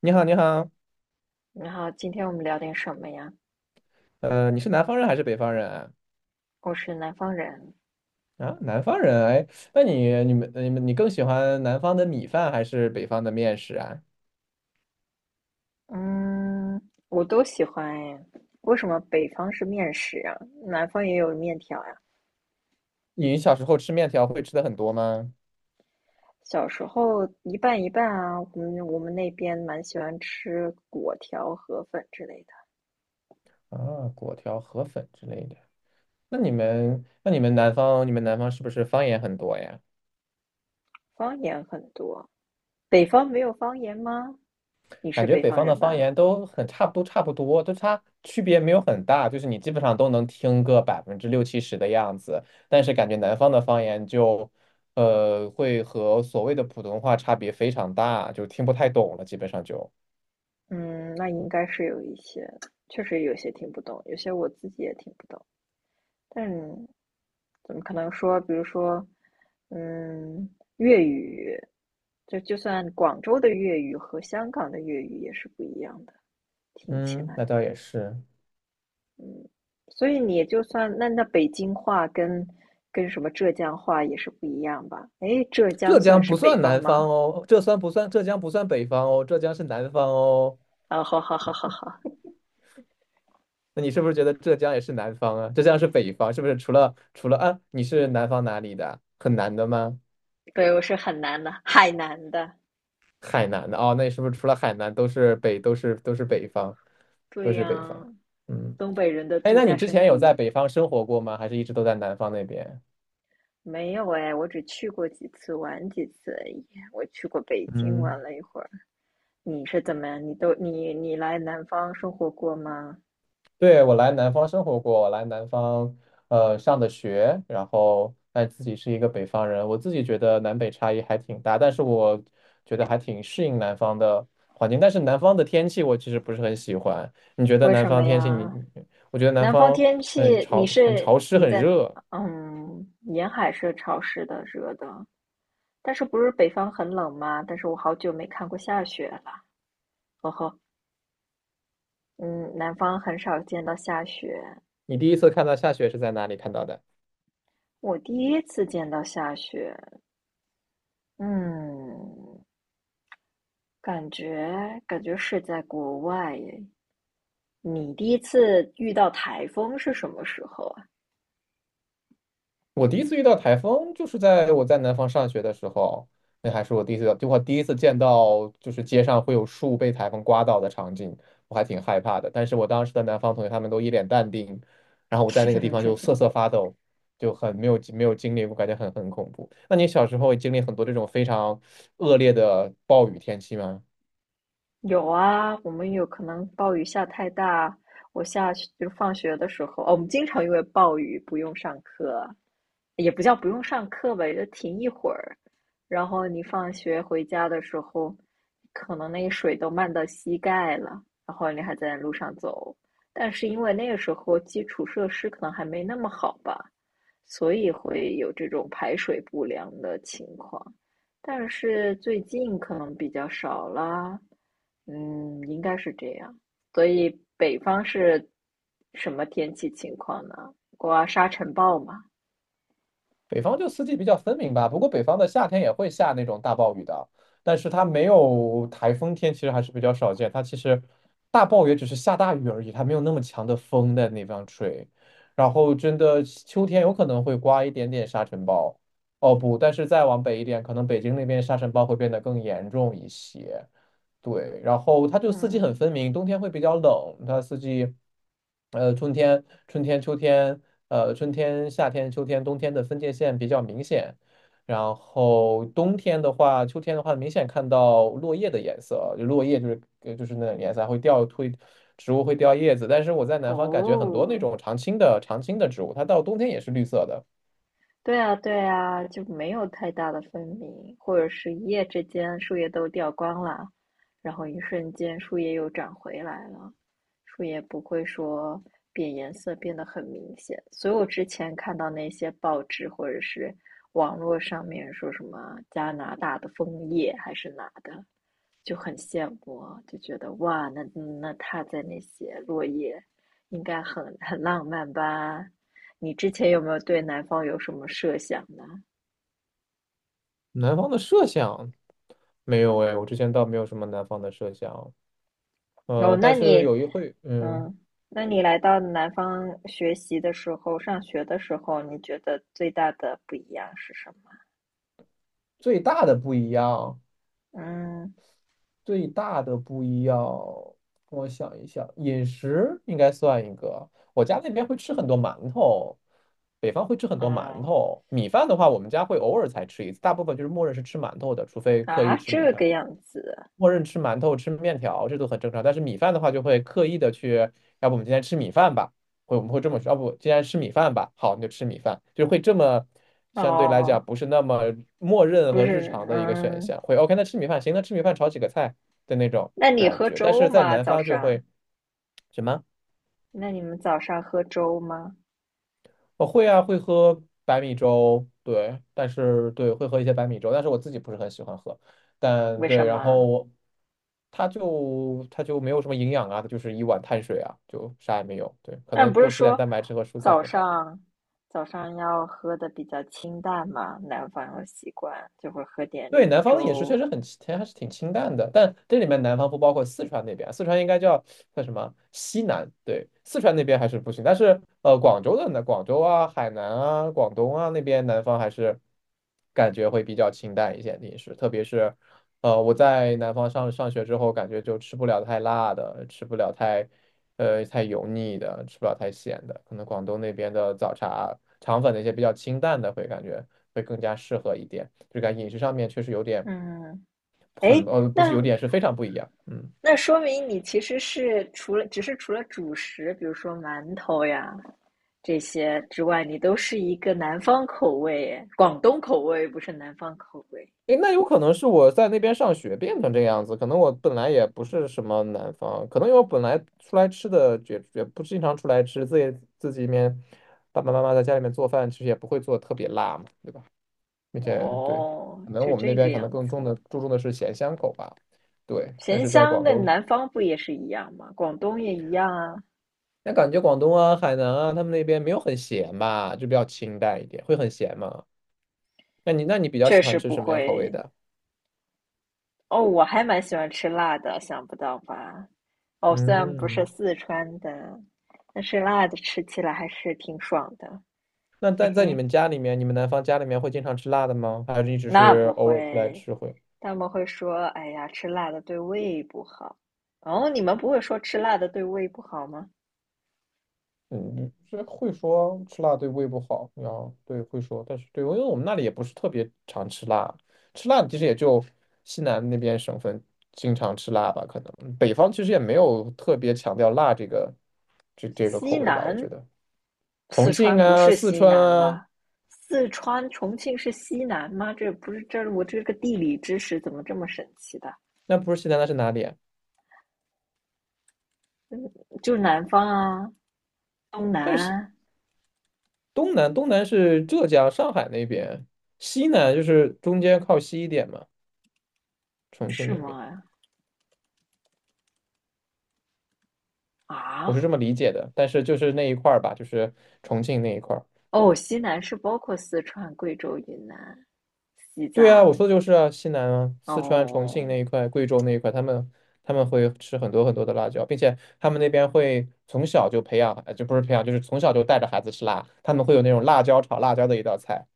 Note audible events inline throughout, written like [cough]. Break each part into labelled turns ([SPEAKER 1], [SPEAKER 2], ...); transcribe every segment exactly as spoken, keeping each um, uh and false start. [SPEAKER 1] 你好，你好，
[SPEAKER 2] 你好，今天我们聊点什么呀？
[SPEAKER 1] 呃，你是南方人还是北方人啊？
[SPEAKER 2] 我是南方人，
[SPEAKER 1] 啊，南方人，哎，那你、你们、你们，你更喜欢南方的米饭还是北方的面食啊？
[SPEAKER 2] 嗯，我都喜欢哎。为什么北方是面食啊？南方也有面条呀、
[SPEAKER 1] 你小时候吃面条会吃的很多吗？
[SPEAKER 2] 小时候一半一半啊，我们我们那边蛮喜欢吃粿条、河粉之类的。
[SPEAKER 1] 啊，果条、河粉之类的。那你们、那你们南方、你们南方是不是方言很多呀？
[SPEAKER 2] 方言很多，北方没有方言吗？你是
[SPEAKER 1] 感觉
[SPEAKER 2] 北
[SPEAKER 1] 北
[SPEAKER 2] 方
[SPEAKER 1] 方的
[SPEAKER 2] 人
[SPEAKER 1] 方
[SPEAKER 2] 吧？
[SPEAKER 1] 言都很差不多，差不多，就差区别没有很大，就是你基本上都能听个百分之六七十的样子。但是感觉南方的方言就，呃，会和所谓的普通话差别非常大，就听不太懂了，基本上就。
[SPEAKER 2] 嗯，那应该是有一些，确实有些听不懂，有些我自己也听不懂。但是怎么可能说，比如说，嗯，粤语，就就算广州的粤语和香港的粤语也是不一样的，听起
[SPEAKER 1] 嗯，
[SPEAKER 2] 来。
[SPEAKER 1] 那倒也是。
[SPEAKER 2] 所以你就算那那北京话跟跟什么浙江话也是不一样吧？诶，浙江
[SPEAKER 1] 浙
[SPEAKER 2] 算
[SPEAKER 1] 江
[SPEAKER 2] 是
[SPEAKER 1] 不
[SPEAKER 2] 北
[SPEAKER 1] 算
[SPEAKER 2] 方
[SPEAKER 1] 南
[SPEAKER 2] 吗？
[SPEAKER 1] 方哦，浙算不算？浙江不算北方哦，浙江是南方哦。
[SPEAKER 2] 啊，好好好好好，
[SPEAKER 1] 那你是不是觉得浙江也是南方啊？浙江是北方，是不是？除了除了啊，你是南方哪里的？很南的吗？
[SPEAKER 2] 对，我是很南的，海南的，
[SPEAKER 1] 海南的哦，那是不是除了海南都是北都是都是北方，都
[SPEAKER 2] 对
[SPEAKER 1] 是北
[SPEAKER 2] 呀，
[SPEAKER 1] 方？嗯，
[SPEAKER 2] 东北人的
[SPEAKER 1] 哎，
[SPEAKER 2] 度
[SPEAKER 1] 那你
[SPEAKER 2] 假
[SPEAKER 1] 之
[SPEAKER 2] 胜
[SPEAKER 1] 前有在
[SPEAKER 2] 地。
[SPEAKER 1] 北方生活过吗？还是一直都在南方那边？
[SPEAKER 2] 没有哎，我只去过几次，玩几次而已。我去过北京
[SPEAKER 1] 嗯，
[SPEAKER 2] 玩了一会儿。你是怎么样？你都你你来南方生活过吗？
[SPEAKER 1] 对，我来南方生活过，我来南方呃上的学，然后但自己是一个北方人，我自己觉得南北差异还挺大，但是我觉得还挺适应南方的环境，但是南方的天气我其实不是很喜欢。你觉得
[SPEAKER 2] 为
[SPEAKER 1] 南
[SPEAKER 2] 什么
[SPEAKER 1] 方天气你，
[SPEAKER 2] 呀？
[SPEAKER 1] 你我觉得南
[SPEAKER 2] 南方
[SPEAKER 1] 方
[SPEAKER 2] 天
[SPEAKER 1] 很
[SPEAKER 2] 气，你
[SPEAKER 1] 潮、很
[SPEAKER 2] 是
[SPEAKER 1] 潮湿、
[SPEAKER 2] 你
[SPEAKER 1] 很
[SPEAKER 2] 在
[SPEAKER 1] 热。
[SPEAKER 2] 嗯，沿海是潮湿的、热的，但是不是北方很冷吗？但是我好久没看过下雪了。哦吼，嗯，南方很少见到下雪，
[SPEAKER 1] 你第一次看到下雪是在哪里看到的？
[SPEAKER 2] 我第一次见到下雪。嗯，感觉感觉是在国外耶。你第一次遇到台风是什么时候啊？
[SPEAKER 1] 我第一次遇到台风就是在我在南方上学的时候，那还是我第一次，就我第一次见到就是街上会有树被台风刮倒的场景，我还挺害怕的。但是我当时的南方同学他们都一脸淡定，然后我在那个地方
[SPEAKER 2] [laughs]
[SPEAKER 1] 就瑟瑟发抖，就很没有没有经历我感觉很很恐怖。那你小时候也经历很多这种非常恶劣的暴雨天气吗？
[SPEAKER 2] 有啊，我们有可能暴雨下太大，我下去就是放学的时候，哦，我们经常因为暴雨不用上课，也不叫不用上课吧，也就停一会儿。然后你放学回家的时候，可能那个水都漫到膝盖了，然后你还在路上走。但是因为那个时候基础设施可能还没那么好吧，所以会有这种排水不良的情况。但是最近可能比较少啦，嗯，应该是这样。所以北方是什么天气情况呢？刮沙尘暴吗？
[SPEAKER 1] 北方就四季比较分明吧，不过北方的夏天也会下那种大暴雨的，但是它没有台风天，其实还是比较少见。它其实大暴雨只是下大雨而已，它没有那么强的风在那方吹。然后真的秋天有可能会刮一点点沙尘暴，哦不，但是再往北一点，可能北京那边沙尘暴会变得更严重一些。对，然后它就四季很
[SPEAKER 2] 嗯，
[SPEAKER 1] 分明，冬天会比较冷，它四季，呃，春天、春天、秋天，呃，春天、夏天、秋天、冬天的分界线比较明显。然后冬天的话，秋天的话，明显看到落叶的颜色，就落叶就是呃就是那种颜色，还会掉会植物会掉叶子。但是我在南方感觉很多那
[SPEAKER 2] 哦，
[SPEAKER 1] 种常青的常青的植物，它到冬天也是绿色的。
[SPEAKER 2] 对啊，对啊，就没有太大的分明，或者是一夜之间树叶都掉光了，然后一瞬间树叶又长回来了，树叶不会说变颜色变得很明显。所以我之前看到那些报纸或者是网络上面说什么加拿大的枫叶还是哪的，就很羡慕啊就觉得哇，那那他在那些落叶，应该很很浪漫吧。你之前有没有对南方有什么设想呢？
[SPEAKER 1] 南方的设想没有哎，我之前倒没有什么南方的设想，
[SPEAKER 2] 哦，
[SPEAKER 1] 呃，
[SPEAKER 2] 那
[SPEAKER 1] 但是
[SPEAKER 2] 你，
[SPEAKER 1] 有一会，嗯。
[SPEAKER 2] 嗯，那你来到南方学习的时候，上学的时候，你觉得最大的不一样是什么？
[SPEAKER 1] 最大的不一样，
[SPEAKER 2] 嗯，
[SPEAKER 1] 最大的不一样，我想一想，饮食应该算一个。我家那边会吃很多馒头，北方会吃很多馒
[SPEAKER 2] 哦，
[SPEAKER 1] 头。米饭的话，我们家会偶尔才吃一次，大部分就是默认是吃馒头的，除非刻意
[SPEAKER 2] 啊，
[SPEAKER 1] 吃米
[SPEAKER 2] 这
[SPEAKER 1] 饭。
[SPEAKER 2] 个样子，
[SPEAKER 1] 默认吃馒头、吃面条，这都很正常。但是米饭的话，就会刻意的去，要不我们今天吃米饭吧，会我们会这么说，要不今天吃米饭吧，好，那就吃米饭，就会这么相对来讲
[SPEAKER 2] 哦，
[SPEAKER 1] 不是那么默认
[SPEAKER 2] 不
[SPEAKER 1] 和日
[SPEAKER 2] 是，
[SPEAKER 1] 常的一个选
[SPEAKER 2] 嗯，
[SPEAKER 1] 项，会 OK，那吃米饭行，那吃米饭炒几个菜的那种
[SPEAKER 2] 那你
[SPEAKER 1] 感
[SPEAKER 2] 喝
[SPEAKER 1] 觉。但
[SPEAKER 2] 粥
[SPEAKER 1] 是在
[SPEAKER 2] 吗？
[SPEAKER 1] 南
[SPEAKER 2] 早
[SPEAKER 1] 方就
[SPEAKER 2] 上？
[SPEAKER 1] 会什么？
[SPEAKER 2] 那你们早上喝粥吗？
[SPEAKER 1] 我会啊，会喝白米粥，对，但是对，会喝一些白米粥，但是我自己不是很喜欢喝，但
[SPEAKER 2] 为什
[SPEAKER 1] 对，然
[SPEAKER 2] 么？
[SPEAKER 1] 后它就它就没有什么营养啊，它就是一碗碳水啊，就啥也没有，对，可
[SPEAKER 2] 那
[SPEAKER 1] 能
[SPEAKER 2] 不是
[SPEAKER 1] 多吃点
[SPEAKER 2] 说
[SPEAKER 1] 蛋白质和蔬菜
[SPEAKER 2] 早
[SPEAKER 1] 会好一点。
[SPEAKER 2] 上早上要喝的比较清淡嘛，南方有习惯就会喝点
[SPEAKER 1] 对，南方的饮食确
[SPEAKER 2] 粥。
[SPEAKER 1] 实很清，还是挺清淡的，但这里面南方不包括四川那边，四川应该叫叫什么西南？对，四川那边还是不行，但是呃，广州的呢，广州啊、海南啊、广东啊那边南方还是感觉会比较清淡一些的饮食，特别是呃我在南方上上学之后，感觉就吃不了太辣的，吃不了太呃太油腻的，吃不了太咸的。可能广东那边的早茶、肠粉那些比较清淡的，会感觉会更加适合一点。就感觉饮食上面确实有点
[SPEAKER 2] 嗯，
[SPEAKER 1] 很
[SPEAKER 2] 诶，
[SPEAKER 1] 呃，不是
[SPEAKER 2] 那
[SPEAKER 1] 有点是非常不一样。嗯，
[SPEAKER 2] 那说明你其实是除了只是除了主食，比如说馒头呀这些之外，你都是一个南方口味耶，广东口味不是南方口味。
[SPEAKER 1] 诶，那有可能是我在那边上学变成这个样子，可能我本来也不是什么南方，可能因为我本来出来吃的也也不经常出来吃，自己自己面爸爸妈妈在家里面做饭，其实也不会做得特别辣嘛，对吧？并且对，
[SPEAKER 2] 哦，
[SPEAKER 1] 可能
[SPEAKER 2] 是
[SPEAKER 1] 我们那
[SPEAKER 2] 这个
[SPEAKER 1] 边可能
[SPEAKER 2] 样
[SPEAKER 1] 更重
[SPEAKER 2] 子。
[SPEAKER 1] 的注重的是咸香口吧，对。但
[SPEAKER 2] 咸
[SPEAKER 1] 是在
[SPEAKER 2] 香
[SPEAKER 1] 广
[SPEAKER 2] 的
[SPEAKER 1] 东，
[SPEAKER 2] 南方不也是一样吗？广东也一样啊。
[SPEAKER 1] 那感觉广东啊、海南啊，他们那边没有很咸吧，就比较清淡一点，会很咸吗？那你那你比较
[SPEAKER 2] 确
[SPEAKER 1] 喜欢
[SPEAKER 2] 实
[SPEAKER 1] 吃
[SPEAKER 2] 不
[SPEAKER 1] 什么样口味
[SPEAKER 2] 会
[SPEAKER 1] 的？
[SPEAKER 2] 哦，我还蛮喜欢吃辣的，想不到吧？哦，虽然不是
[SPEAKER 1] 嗯，
[SPEAKER 2] 四川的，但是辣的吃起来还是挺爽的，
[SPEAKER 1] 那
[SPEAKER 2] 嘿
[SPEAKER 1] 在在你
[SPEAKER 2] 嘿。
[SPEAKER 1] 们家里面，你们南方家里面会经常吃辣的吗？还是一直
[SPEAKER 2] 那不
[SPEAKER 1] 是偶尔出来
[SPEAKER 2] 会，
[SPEAKER 1] 吃会？
[SPEAKER 2] 他们会说：“哎呀，吃辣的对胃不好。”哦，你们不会说吃辣的对胃不好吗？
[SPEAKER 1] 嗯，这会说吃辣对胃不好，然后对会说，但是对，因为我们那里也不是特别常吃辣，吃辣其实也就西南那边省份经常吃辣吧，可能北方其实也没有特别强调辣这个这这个口
[SPEAKER 2] 西
[SPEAKER 1] 味吧，我
[SPEAKER 2] 南，
[SPEAKER 1] 觉得重
[SPEAKER 2] 四
[SPEAKER 1] 庆
[SPEAKER 2] 川不
[SPEAKER 1] 啊、
[SPEAKER 2] 是
[SPEAKER 1] 四
[SPEAKER 2] 西
[SPEAKER 1] 川
[SPEAKER 2] 南
[SPEAKER 1] 啊，
[SPEAKER 2] 吧？四川重庆是西南吗？这不是这我这个地理知识怎么这么神奇的？
[SPEAKER 1] 那不是西南那是哪里啊？
[SPEAKER 2] 就是南方啊，东南
[SPEAKER 1] 但是西
[SPEAKER 2] 啊
[SPEAKER 1] 东南东南是浙江、上海那边，西南就是中间靠西一点嘛，重庆
[SPEAKER 2] 是
[SPEAKER 1] 那边
[SPEAKER 2] 吗？
[SPEAKER 1] 我是
[SPEAKER 2] 啊，
[SPEAKER 1] 这么理解的，但是就是那一块儿吧，就是重庆那一块儿。
[SPEAKER 2] 哦，西南是包括四川、贵州、云南、西
[SPEAKER 1] 对啊，我
[SPEAKER 2] 藏。
[SPEAKER 1] 说的就是啊，西南啊，四川、重庆
[SPEAKER 2] 哦，
[SPEAKER 1] 那一块、贵州那一块，他们他们会吃很多很多的辣椒，并且他们那边会从小就培养，呃就不是培养，就是从小就带着孩子吃辣。他们会有那种辣椒炒辣椒的一道菜，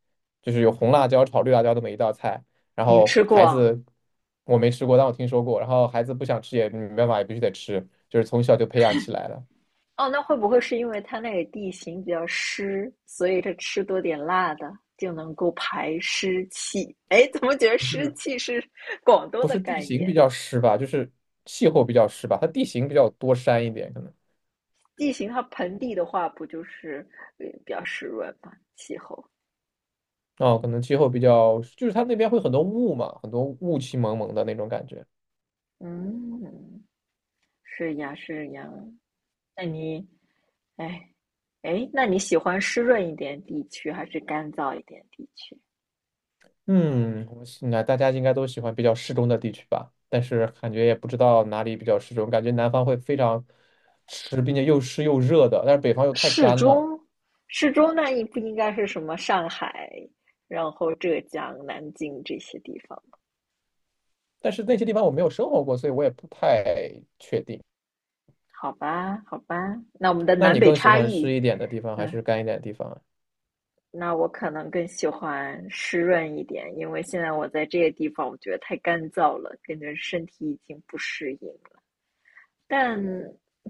[SPEAKER 1] 就是有红辣椒炒绿辣椒这么一道菜。然
[SPEAKER 2] 你
[SPEAKER 1] 后
[SPEAKER 2] 吃过
[SPEAKER 1] 孩
[SPEAKER 2] 啊？
[SPEAKER 1] 子我没吃过，但我听说过。然后孩子不想吃也没办法，也必须得吃，就是从小就培养起来了。
[SPEAKER 2] 哦，那会不会是因为它那里地形比较湿，所以它吃多点辣的就能够排湿气？哎，怎么觉得
[SPEAKER 1] 不
[SPEAKER 2] 湿
[SPEAKER 1] 是
[SPEAKER 2] 气是广东
[SPEAKER 1] 不
[SPEAKER 2] 的
[SPEAKER 1] 是地
[SPEAKER 2] 概
[SPEAKER 1] 形比
[SPEAKER 2] 念？
[SPEAKER 1] 较湿吧，就是气候比较湿吧，它地形比较多山一点，可能。
[SPEAKER 2] 地形它盆地的话，不就是呃比较湿润嘛，气候。
[SPEAKER 1] 哦，可能气候比较，就是它那边会很多雾嘛，很多雾气蒙蒙的那种感觉。
[SPEAKER 2] 嗯，是呀，是呀。那你哎，哎，那你喜欢湿润一点地区，还是干燥一点地区？
[SPEAKER 1] 嗯，我应该大家应该都喜欢比较适中的地区吧，但是感觉也不知道哪里比较适中，感觉南方会非常湿，并且又湿又热的，但是北方又太
[SPEAKER 2] 适
[SPEAKER 1] 干了。
[SPEAKER 2] 中，适中，那你不应该是什么上海，然后浙江、南京这些地方吗
[SPEAKER 1] 但是那些地方我没有生活过，所以我也不太确定。
[SPEAKER 2] 好吧，好吧，那我们的
[SPEAKER 1] 那
[SPEAKER 2] 南
[SPEAKER 1] 你
[SPEAKER 2] 北
[SPEAKER 1] 更喜
[SPEAKER 2] 差
[SPEAKER 1] 欢湿
[SPEAKER 2] 异，
[SPEAKER 1] 一点的地方还是
[SPEAKER 2] 嗯，
[SPEAKER 1] 干一点的地方啊？
[SPEAKER 2] 那我可能更喜欢湿润一点，因为现在我在这些地方，我觉得太干燥了，感觉身体已经不适应了。但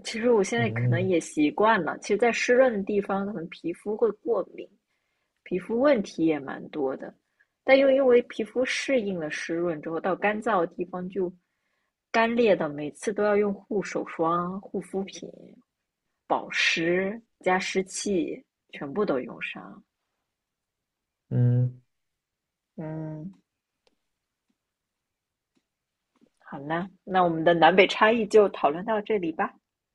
[SPEAKER 2] 其实我现在可能
[SPEAKER 1] 嗯
[SPEAKER 2] 也习惯了，其实，在湿润的地方，可能皮肤会过敏，皮肤问题也蛮多的，但又因为皮肤适应了湿润之后，到干燥的地方就干裂的，每次都要用护手霜、护肤品、保湿加湿器，全部都用上。
[SPEAKER 1] 嗯。
[SPEAKER 2] 嗯，好啦，那我们的南北差异就讨论到这里吧。